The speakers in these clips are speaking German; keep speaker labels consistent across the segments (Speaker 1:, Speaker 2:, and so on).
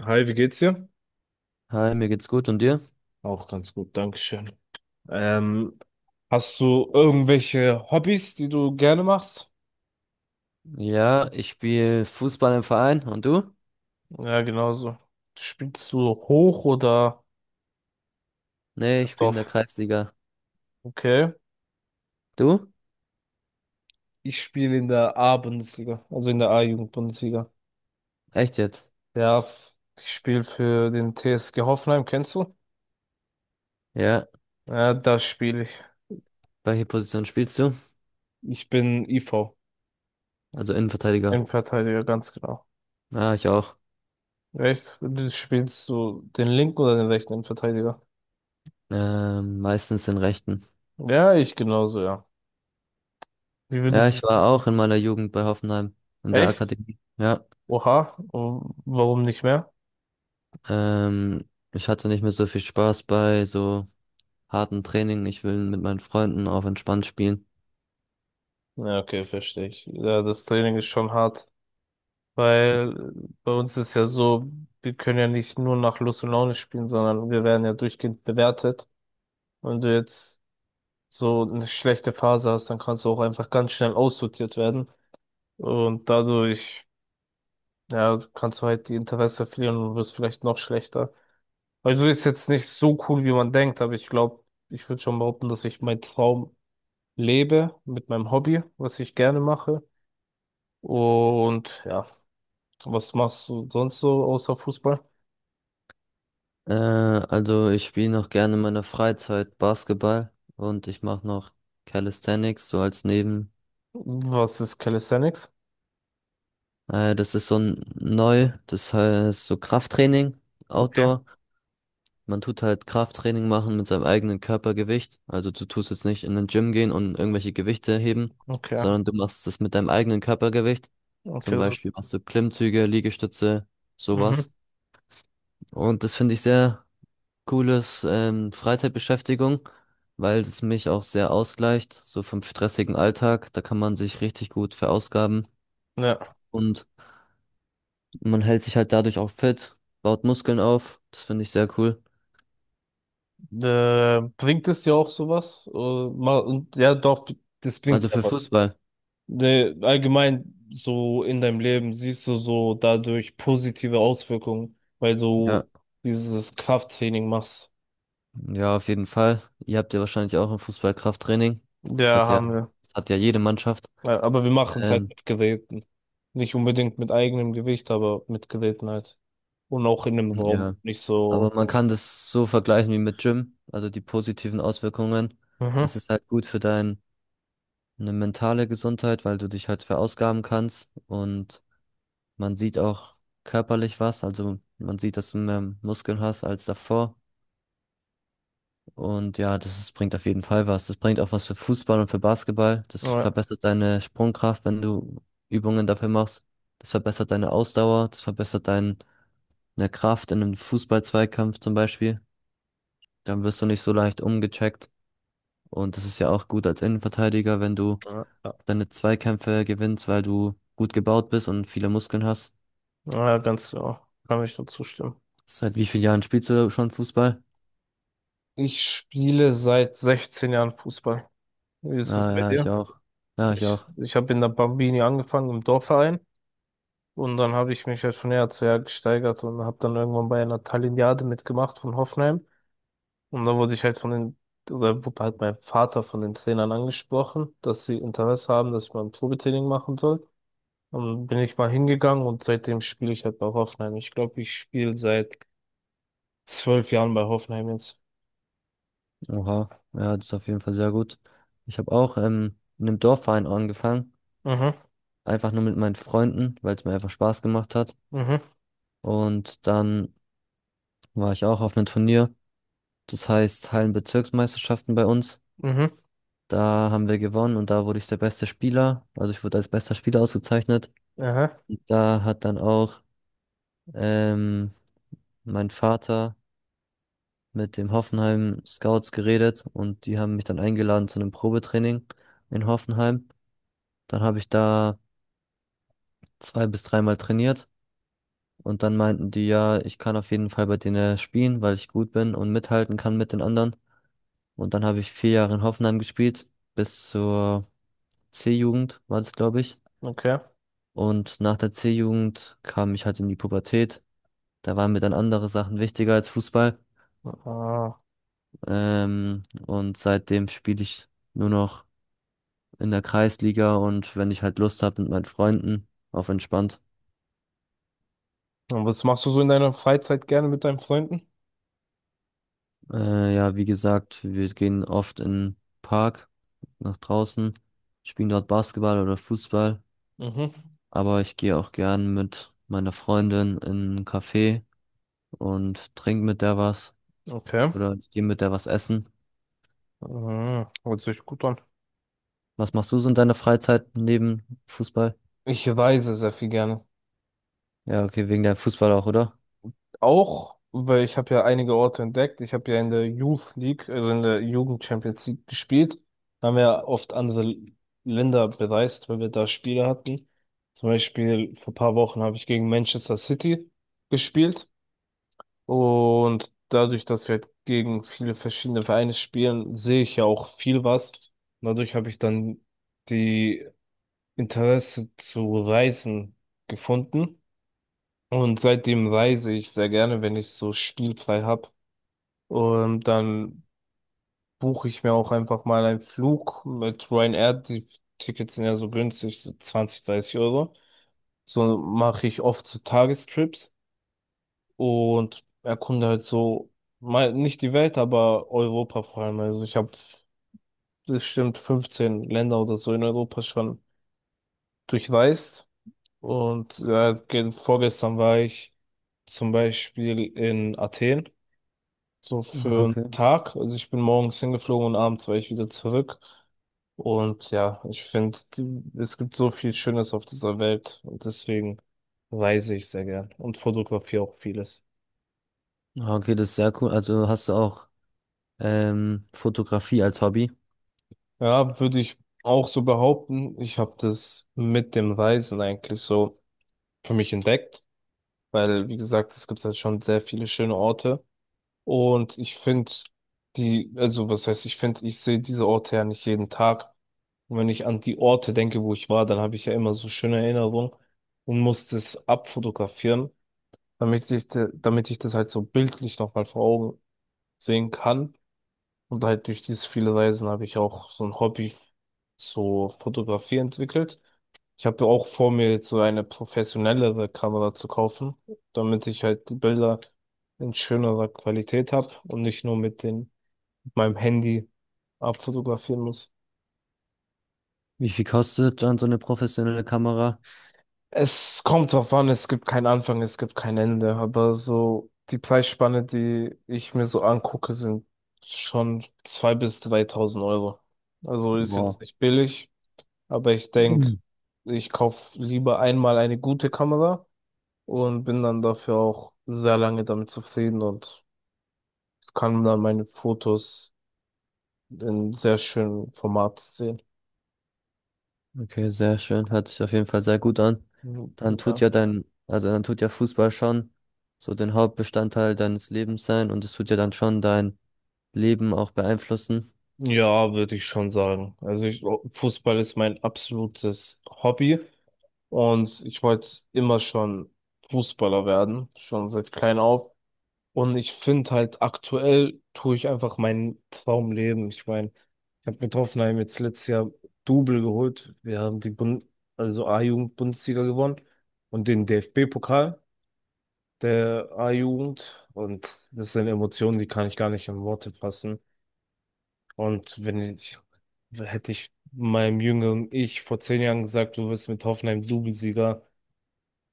Speaker 1: Hi, wie geht's dir?
Speaker 2: Hi, mir geht's gut und dir?
Speaker 1: Auch ganz gut, Dankeschön. Ähm, hast du irgendwelche Hobbys, die du gerne machst?
Speaker 2: Ja, ich spiele Fußball im Verein und du?
Speaker 1: Ja, genauso. Spielst du hoch oder
Speaker 2: Nee, ich spiele in
Speaker 1: drauf?
Speaker 2: der Kreisliga.
Speaker 1: Okay.
Speaker 2: Du?
Speaker 1: Ich spiele in der A-Bundesliga, also in der A-Jugend-Bundesliga.
Speaker 2: Echt jetzt?
Speaker 1: Ja, f- ich spiele für den TSG Hoffenheim, kennst du?
Speaker 2: Ja,
Speaker 1: Ja, da spiele ich.
Speaker 2: welche Position spielst du?
Speaker 1: Ich bin IV,
Speaker 2: Also Innenverteidiger.
Speaker 1: Innenverteidiger, ganz genau.
Speaker 2: Ja, ich auch.
Speaker 1: Echt? Du spielst du den linken oder den rechten Innenverteidiger?
Speaker 2: Meistens den rechten.
Speaker 1: Ja, ich genauso, ja. Wie
Speaker 2: Ja,
Speaker 1: würdest
Speaker 2: ich war auch in meiner Jugend bei Hoffenheim in der
Speaker 1: Echt?
Speaker 2: Akademie. Ja,
Speaker 1: Oha, warum nicht mehr?
Speaker 2: ähm, ich hatte nicht mehr so viel Spaß bei so harten Training. Ich will mit meinen Freunden auf entspannt spielen.
Speaker 1: Ja, okay, verstehe ich. Ja, das Training ist schon hart, weil bei uns ist ja so, wir können ja nicht nur nach Lust und Laune spielen, sondern wir werden ja durchgehend bewertet. Wenn du jetzt so eine schlechte Phase hast, dann kannst du auch einfach ganz schnell aussortiert werden und dadurch, ja, kannst du halt die Interesse verlieren und wirst vielleicht noch schlechter. Also ist jetzt nicht so cool, wie man denkt, aber ich glaube, ich würde schon behaupten, dass ich meinen Traum lebe, mit meinem Hobby, was ich gerne mache. Und ja, was machst du sonst so außer Fußball?
Speaker 2: Also ich spiele noch gerne in meiner Freizeit Basketball und ich mache noch Calisthenics so als Neben.
Speaker 1: Was ist Calisthenics?
Speaker 2: Das ist so neu, das heißt so Krafttraining,
Speaker 1: Okay,
Speaker 2: Outdoor. Man tut halt Krafttraining machen mit seinem eigenen Körpergewicht. Also du tust jetzt nicht in den Gym gehen und irgendwelche Gewichte heben,
Speaker 1: okay,
Speaker 2: sondern du machst das mit deinem eigenen Körpergewicht. Zum
Speaker 1: okay. So,
Speaker 2: Beispiel machst du Klimmzüge, Liegestütze,
Speaker 1: mhm.
Speaker 2: sowas. Und das finde ich sehr cooles Freizeitbeschäftigung, weil es mich auch sehr ausgleicht, so vom stressigen Alltag. Da kann man sich richtig gut verausgaben
Speaker 1: Ja,
Speaker 2: und man hält sich halt dadurch auch fit, baut Muskeln auf. Das finde ich sehr cool.
Speaker 1: äh, bringt es dir auch sowas? Mal, und, ja, doch, das bringt
Speaker 2: Also
Speaker 1: ja
Speaker 2: für
Speaker 1: was.
Speaker 2: Fußball.
Speaker 1: Allgemein so in deinem Leben siehst du so dadurch positive Auswirkungen, weil
Speaker 2: Ja,
Speaker 1: du dieses Krafttraining machst.
Speaker 2: ja, auf jeden Fall. Ihr habt ja wahrscheinlich auch ein Fußballkrafttraining. Das
Speaker 1: Ja,
Speaker 2: hat ja,
Speaker 1: haben wir.
Speaker 2: das hat ja jede Mannschaft.
Speaker 1: Ja, aber wir machen es halt
Speaker 2: Ähm,
Speaker 1: mit Geräten. Nicht unbedingt mit eigenem Gewicht, aber mit Geräten halt. Und auch in einem Raum.
Speaker 2: ja,
Speaker 1: Nicht
Speaker 2: aber
Speaker 1: so.
Speaker 2: man kann das so vergleichen wie mit Gym, also die positiven Auswirkungen.
Speaker 1: Mhm.
Speaker 2: Es ist halt gut für dein eine mentale Gesundheit, weil du dich halt verausgaben kannst und man sieht auch körperlich was, also man sieht, dass du mehr Muskeln hast als davor. Und ja, bringt auf jeden Fall was. Das bringt auch was für Fußball und für Basketball. Das
Speaker 1: Ja,
Speaker 2: verbessert deine Sprungkraft, wenn du Übungen dafür machst. Das verbessert deine Ausdauer, das verbessert deine Kraft in einem Fußballzweikampf zum Beispiel. Dann wirst du nicht so leicht umgecheckt. Und das ist ja auch gut als Innenverteidiger, wenn du
Speaker 1: Ja, ja.
Speaker 2: deine Zweikämpfe gewinnst, weil du gut gebaut bist und viele Muskeln hast.
Speaker 1: ja, ganz genau. Kann ich nur zustimmen.
Speaker 2: Seit wie vielen Jahren spielst du schon Fußball?
Speaker 1: Ich spiele seit 16 Jahren Fußball. Wie ist es
Speaker 2: Ah,
Speaker 1: bei
Speaker 2: ja, ich
Speaker 1: dir?
Speaker 2: auch. Ja, ich
Speaker 1: Ich,
Speaker 2: auch.
Speaker 1: ich habe in der Bambini angefangen, im Dorfverein. Und dann habe ich mich halt von Jahr zu Jahr gesteigert und habe dann irgendwann bei einer Talignade mitgemacht von Hoffenheim. Und dann wurde ich halt von den, oder wurde halt mein Vater von den Trainern angesprochen, dass sie Interesse haben, dass ich mal ein Probetraining machen soll. Und dann bin ich mal hingegangen und seitdem spiele ich halt bei Hoffenheim. Ich glaube, ich spiele seit 12 Jahren bei Hoffenheim jetzt.
Speaker 2: Oha. Ja, das ist auf jeden Fall sehr gut. Ich habe auch in einem Dorfverein angefangen.
Speaker 1: Mhm,
Speaker 2: Einfach nur mit meinen Freunden, weil es mir einfach Spaß gemacht hat.
Speaker 1: mhm,
Speaker 2: Und dann war ich auch auf einem Turnier. Das heißt Hallenbezirksmeisterschaften bei uns.
Speaker 1: mhm,
Speaker 2: Da haben wir gewonnen und da wurde ich der beste Spieler. Also ich wurde als bester Spieler ausgezeichnet.
Speaker 1: aha,
Speaker 2: Und da hat dann auch ähm, mein Vater mit dem Hoffenheim Scouts geredet und die haben mich dann eingeladen zu einem Probetraining in Hoffenheim. Dann habe ich da zwei bis dreimal trainiert und dann meinten die, ja, ich kann auf jeden Fall bei denen spielen, weil ich gut bin und mithalten kann mit den anderen. Und dann habe ich 4 Jahre in Hoffenheim gespielt, bis zur C-Jugend war das, glaube ich.
Speaker 1: okay.
Speaker 2: Und nach der C-Jugend kam ich halt in die Pubertät. Da waren mir dann andere Sachen wichtiger als Fußball.
Speaker 1: Ah.
Speaker 2: Ähm, und seitdem spiele ich nur noch in der Kreisliga und wenn ich halt Lust habe mit meinen Freunden, auf entspannt.
Speaker 1: Und was machst du so in deiner Freizeit gerne mit deinen Freunden?
Speaker 2: Ja, wie gesagt, wir gehen oft in den Park nach draußen, spielen dort Basketball oder Fußball,
Speaker 1: Mhm,
Speaker 2: aber ich gehe auch gern mit meiner Freundin in einen Café und trinke mit der was
Speaker 1: okay.
Speaker 2: oder ich gehe mit der was essen.
Speaker 1: Mhm, hört sich gut an.
Speaker 2: Was machst du so in deiner Freizeit neben Fußball?
Speaker 1: Ich reise sehr viel gerne.
Speaker 2: Ja, okay, wegen der Fußball auch, oder?
Speaker 1: auch, weil ich habe ja einige Orte entdeckt. Ich habe ja in der Youth League, also in der Jugend Champions League gespielt. Da haben wir ja oft andere Länder bereist, weil wir da Spiele hatten. Zum Beispiel vor ein paar Wochen habe ich gegen Manchester City gespielt. Und dadurch, dass wir halt gegen viele verschiedene Vereine spielen, sehe ich ja auch viel was. Und dadurch habe ich dann die Interesse zu Reisen gefunden. Und seitdem reise ich sehr gerne, wenn ich so spielfrei habe. Und dann buche ich mir auch einfach mal einen Flug mit Ryanair. Die Tickets sind ja so günstig, so 20, 30 Euro. So mache ich oft so Tagestrips und erkunde halt so, mal nicht die Welt, aber Europa vor allem. Also ich habe bestimmt 15 Länder oder so in Europa schon durchreist. Und ja, vorgestern war ich zum Beispiel in Athen. So
Speaker 2: Ah,
Speaker 1: für einen
Speaker 2: okay.
Speaker 1: Tag. Also ich bin morgens hingeflogen und abends war ich wieder zurück. Und ja, ich finde, es gibt so viel Schönes auf dieser Welt. Und deswegen reise ich sehr gern und fotografiere auch vieles.
Speaker 2: Ah, okay, das ist sehr cool. Also hast du auch Fotografie als Hobby?
Speaker 1: Ja, würde ich auch so behaupten. Ich habe das mit dem Reisen eigentlich so für mich entdeckt. Weil, wie gesagt, es gibt halt schon sehr viele schöne Orte. Und ich finde die, also was heißt, ich finde, ich sehe diese Orte ja nicht jeden Tag. Und wenn ich an die Orte denke, wo ich war, dann habe ich ja immer so schöne Erinnerungen und muss das abfotografieren, damit ich, damit ich das halt so bildlich nochmal vor Augen sehen kann. Und halt durch dieses viele Reisen habe ich auch so ein Hobby so Fotografie entwickelt. Ich habe ja auch vor mir jetzt so eine professionellere Kamera zu kaufen, damit ich halt die Bilder in schönerer Qualität habe und nicht nur mit dem, mit meinem Handy abfotografieren muss.
Speaker 2: Wie viel kostet dann so eine professionelle Kamera?
Speaker 1: Es kommt drauf an, es gibt keinen Anfang, es gibt kein Ende, aber so die Preisspanne, die ich mir so angucke, sind schon 2.000 bis 3.000 Euro. Also ist jetzt
Speaker 2: Wow,
Speaker 1: nicht billig, aber ich denke,
Speaker 2: mhm.
Speaker 1: ich kaufe lieber einmal eine gute Kamera und bin dann dafür auch sehr lange damit zufrieden und kann dann meine Fotos in sehr schönem Format sehen.
Speaker 2: Okay, sehr schön. Hört sich auf jeden Fall sehr gut an.
Speaker 1: Mhm.
Speaker 2: Dann tut
Speaker 1: Ja.
Speaker 2: ja dein, Also dann tut ja Fußball schon so den Hauptbestandteil deines Lebens sein und es tut ja dann schon dein Leben auch beeinflussen.
Speaker 1: Ja, würde ich schon sagen. Also ich, Fußball ist mein absolutes Hobby. Und ich wollte immer schon Fußballer werden, schon seit klein auf. Und ich finde halt, aktuell tue ich einfach meinen Traum leben. Ich meine, ich habe mit Hoffenheim jetzt letztes Jahr Double geholt. Wir haben die Bund also A-Jugend-Bundesliga gewonnen und den DFB-Pokal der A-Jugend. Und das sind Emotionen, die kann ich gar nicht in Worte fassen. Und wenn ich, hätte ich meinem jüngeren Ich vor 10 Jahren gesagt, du wirst mit Hoffenheim Double-Sieger,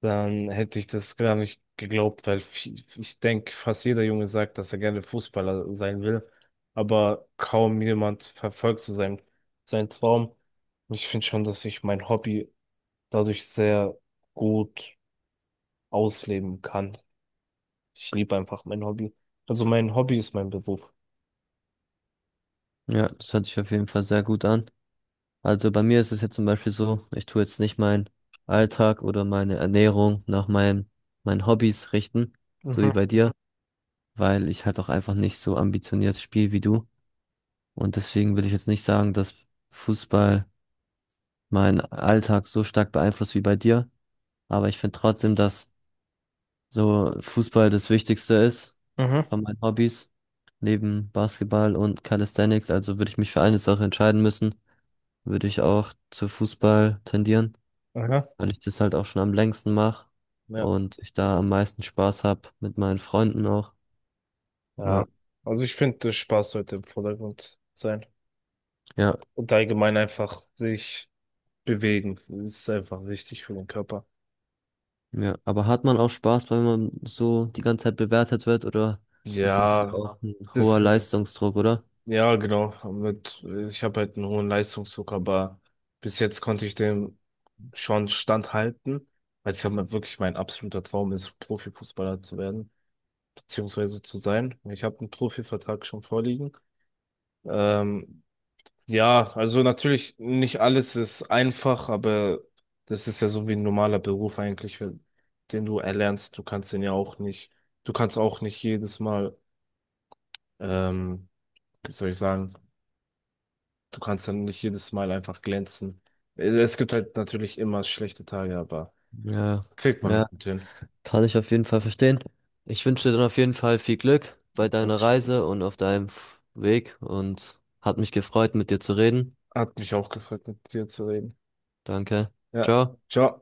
Speaker 1: dann hätte ich das gar nicht geglaubt, weil ich denke, fast jeder Junge sagt, dass er gerne Fußballer sein will, aber kaum jemand verfolgt so seinen, seinen Traum. Und ich finde schon, dass ich mein Hobby dadurch sehr gut ausleben kann. Ich liebe einfach mein Hobby. Also mein Hobby ist mein Beruf.
Speaker 2: Ja, das hört sich auf jeden Fall sehr gut an. Also bei mir ist es jetzt zum Beispiel so, ich tue jetzt nicht meinen Alltag oder meine Ernährung nach meinem, meinen Hobbys richten, so wie
Speaker 1: Mhm,
Speaker 2: bei dir, weil ich halt auch einfach nicht so ambitioniert spiele wie du. Und deswegen würde ich jetzt nicht sagen, dass Fußball meinen Alltag so stark beeinflusst wie bei dir. Aber ich finde trotzdem, dass so Fußball das Wichtigste ist
Speaker 1: mhm.
Speaker 2: von meinen Hobbys, neben Basketball und Calisthenics. Also würde ich mich für eine Sache entscheiden müssen, würde ich auch zu Fußball tendieren,
Speaker 1: Aha.
Speaker 2: weil ich das halt auch schon am längsten mache
Speaker 1: Ja.
Speaker 2: und ich da am meisten Spaß habe mit meinen Freunden auch.
Speaker 1: Ja.
Speaker 2: Ja,
Speaker 1: Also ich finde, der Spaß sollte im Vordergrund sein.
Speaker 2: ja.
Speaker 1: Und allgemein einfach sich bewegen. Das ist einfach wichtig für den Körper.
Speaker 2: Ja, aber hat man auch Spaß, wenn man so die ganze Zeit bewertet wird, oder? Das ist ja
Speaker 1: Ja,
Speaker 2: auch ein
Speaker 1: das
Speaker 2: hoher
Speaker 1: ist,
Speaker 2: Leistungsdruck, oder?
Speaker 1: ja, genau. Mit, ich habe halt einen hohen Leistungsdruck, aber bis jetzt konnte ich dem schon standhalten, weil es ja mal wirklich mein absoluter Traum ist, Profifußballer zu werden, beziehungsweise zu sein. Ich habe einen Profivertrag schon vorliegen. Ähm, ja, also natürlich nicht alles ist einfach, aber das ist ja so wie ein normaler Beruf eigentlich, den du erlernst. Du kannst den ja auch nicht, du kannst auch nicht jedes Mal. Ähm, wie soll ich sagen, du kannst dann nicht jedes Mal einfach glänzen. Es gibt halt natürlich immer schlechte Tage, aber
Speaker 2: Ja,
Speaker 1: kriegt man
Speaker 2: ja,
Speaker 1: gut hin.
Speaker 2: kann ich auf jeden Fall verstehen. Ich wünsche dir dann auf jeden Fall viel Glück bei deiner
Speaker 1: Dankeschön.
Speaker 2: Reise und auf deinem Weg und hat mich gefreut, mit dir zu reden.
Speaker 1: Hat mich auch gefreut, mit dir zu reden.
Speaker 2: Danke.
Speaker 1: Ja,
Speaker 2: Ciao.
Speaker 1: ciao.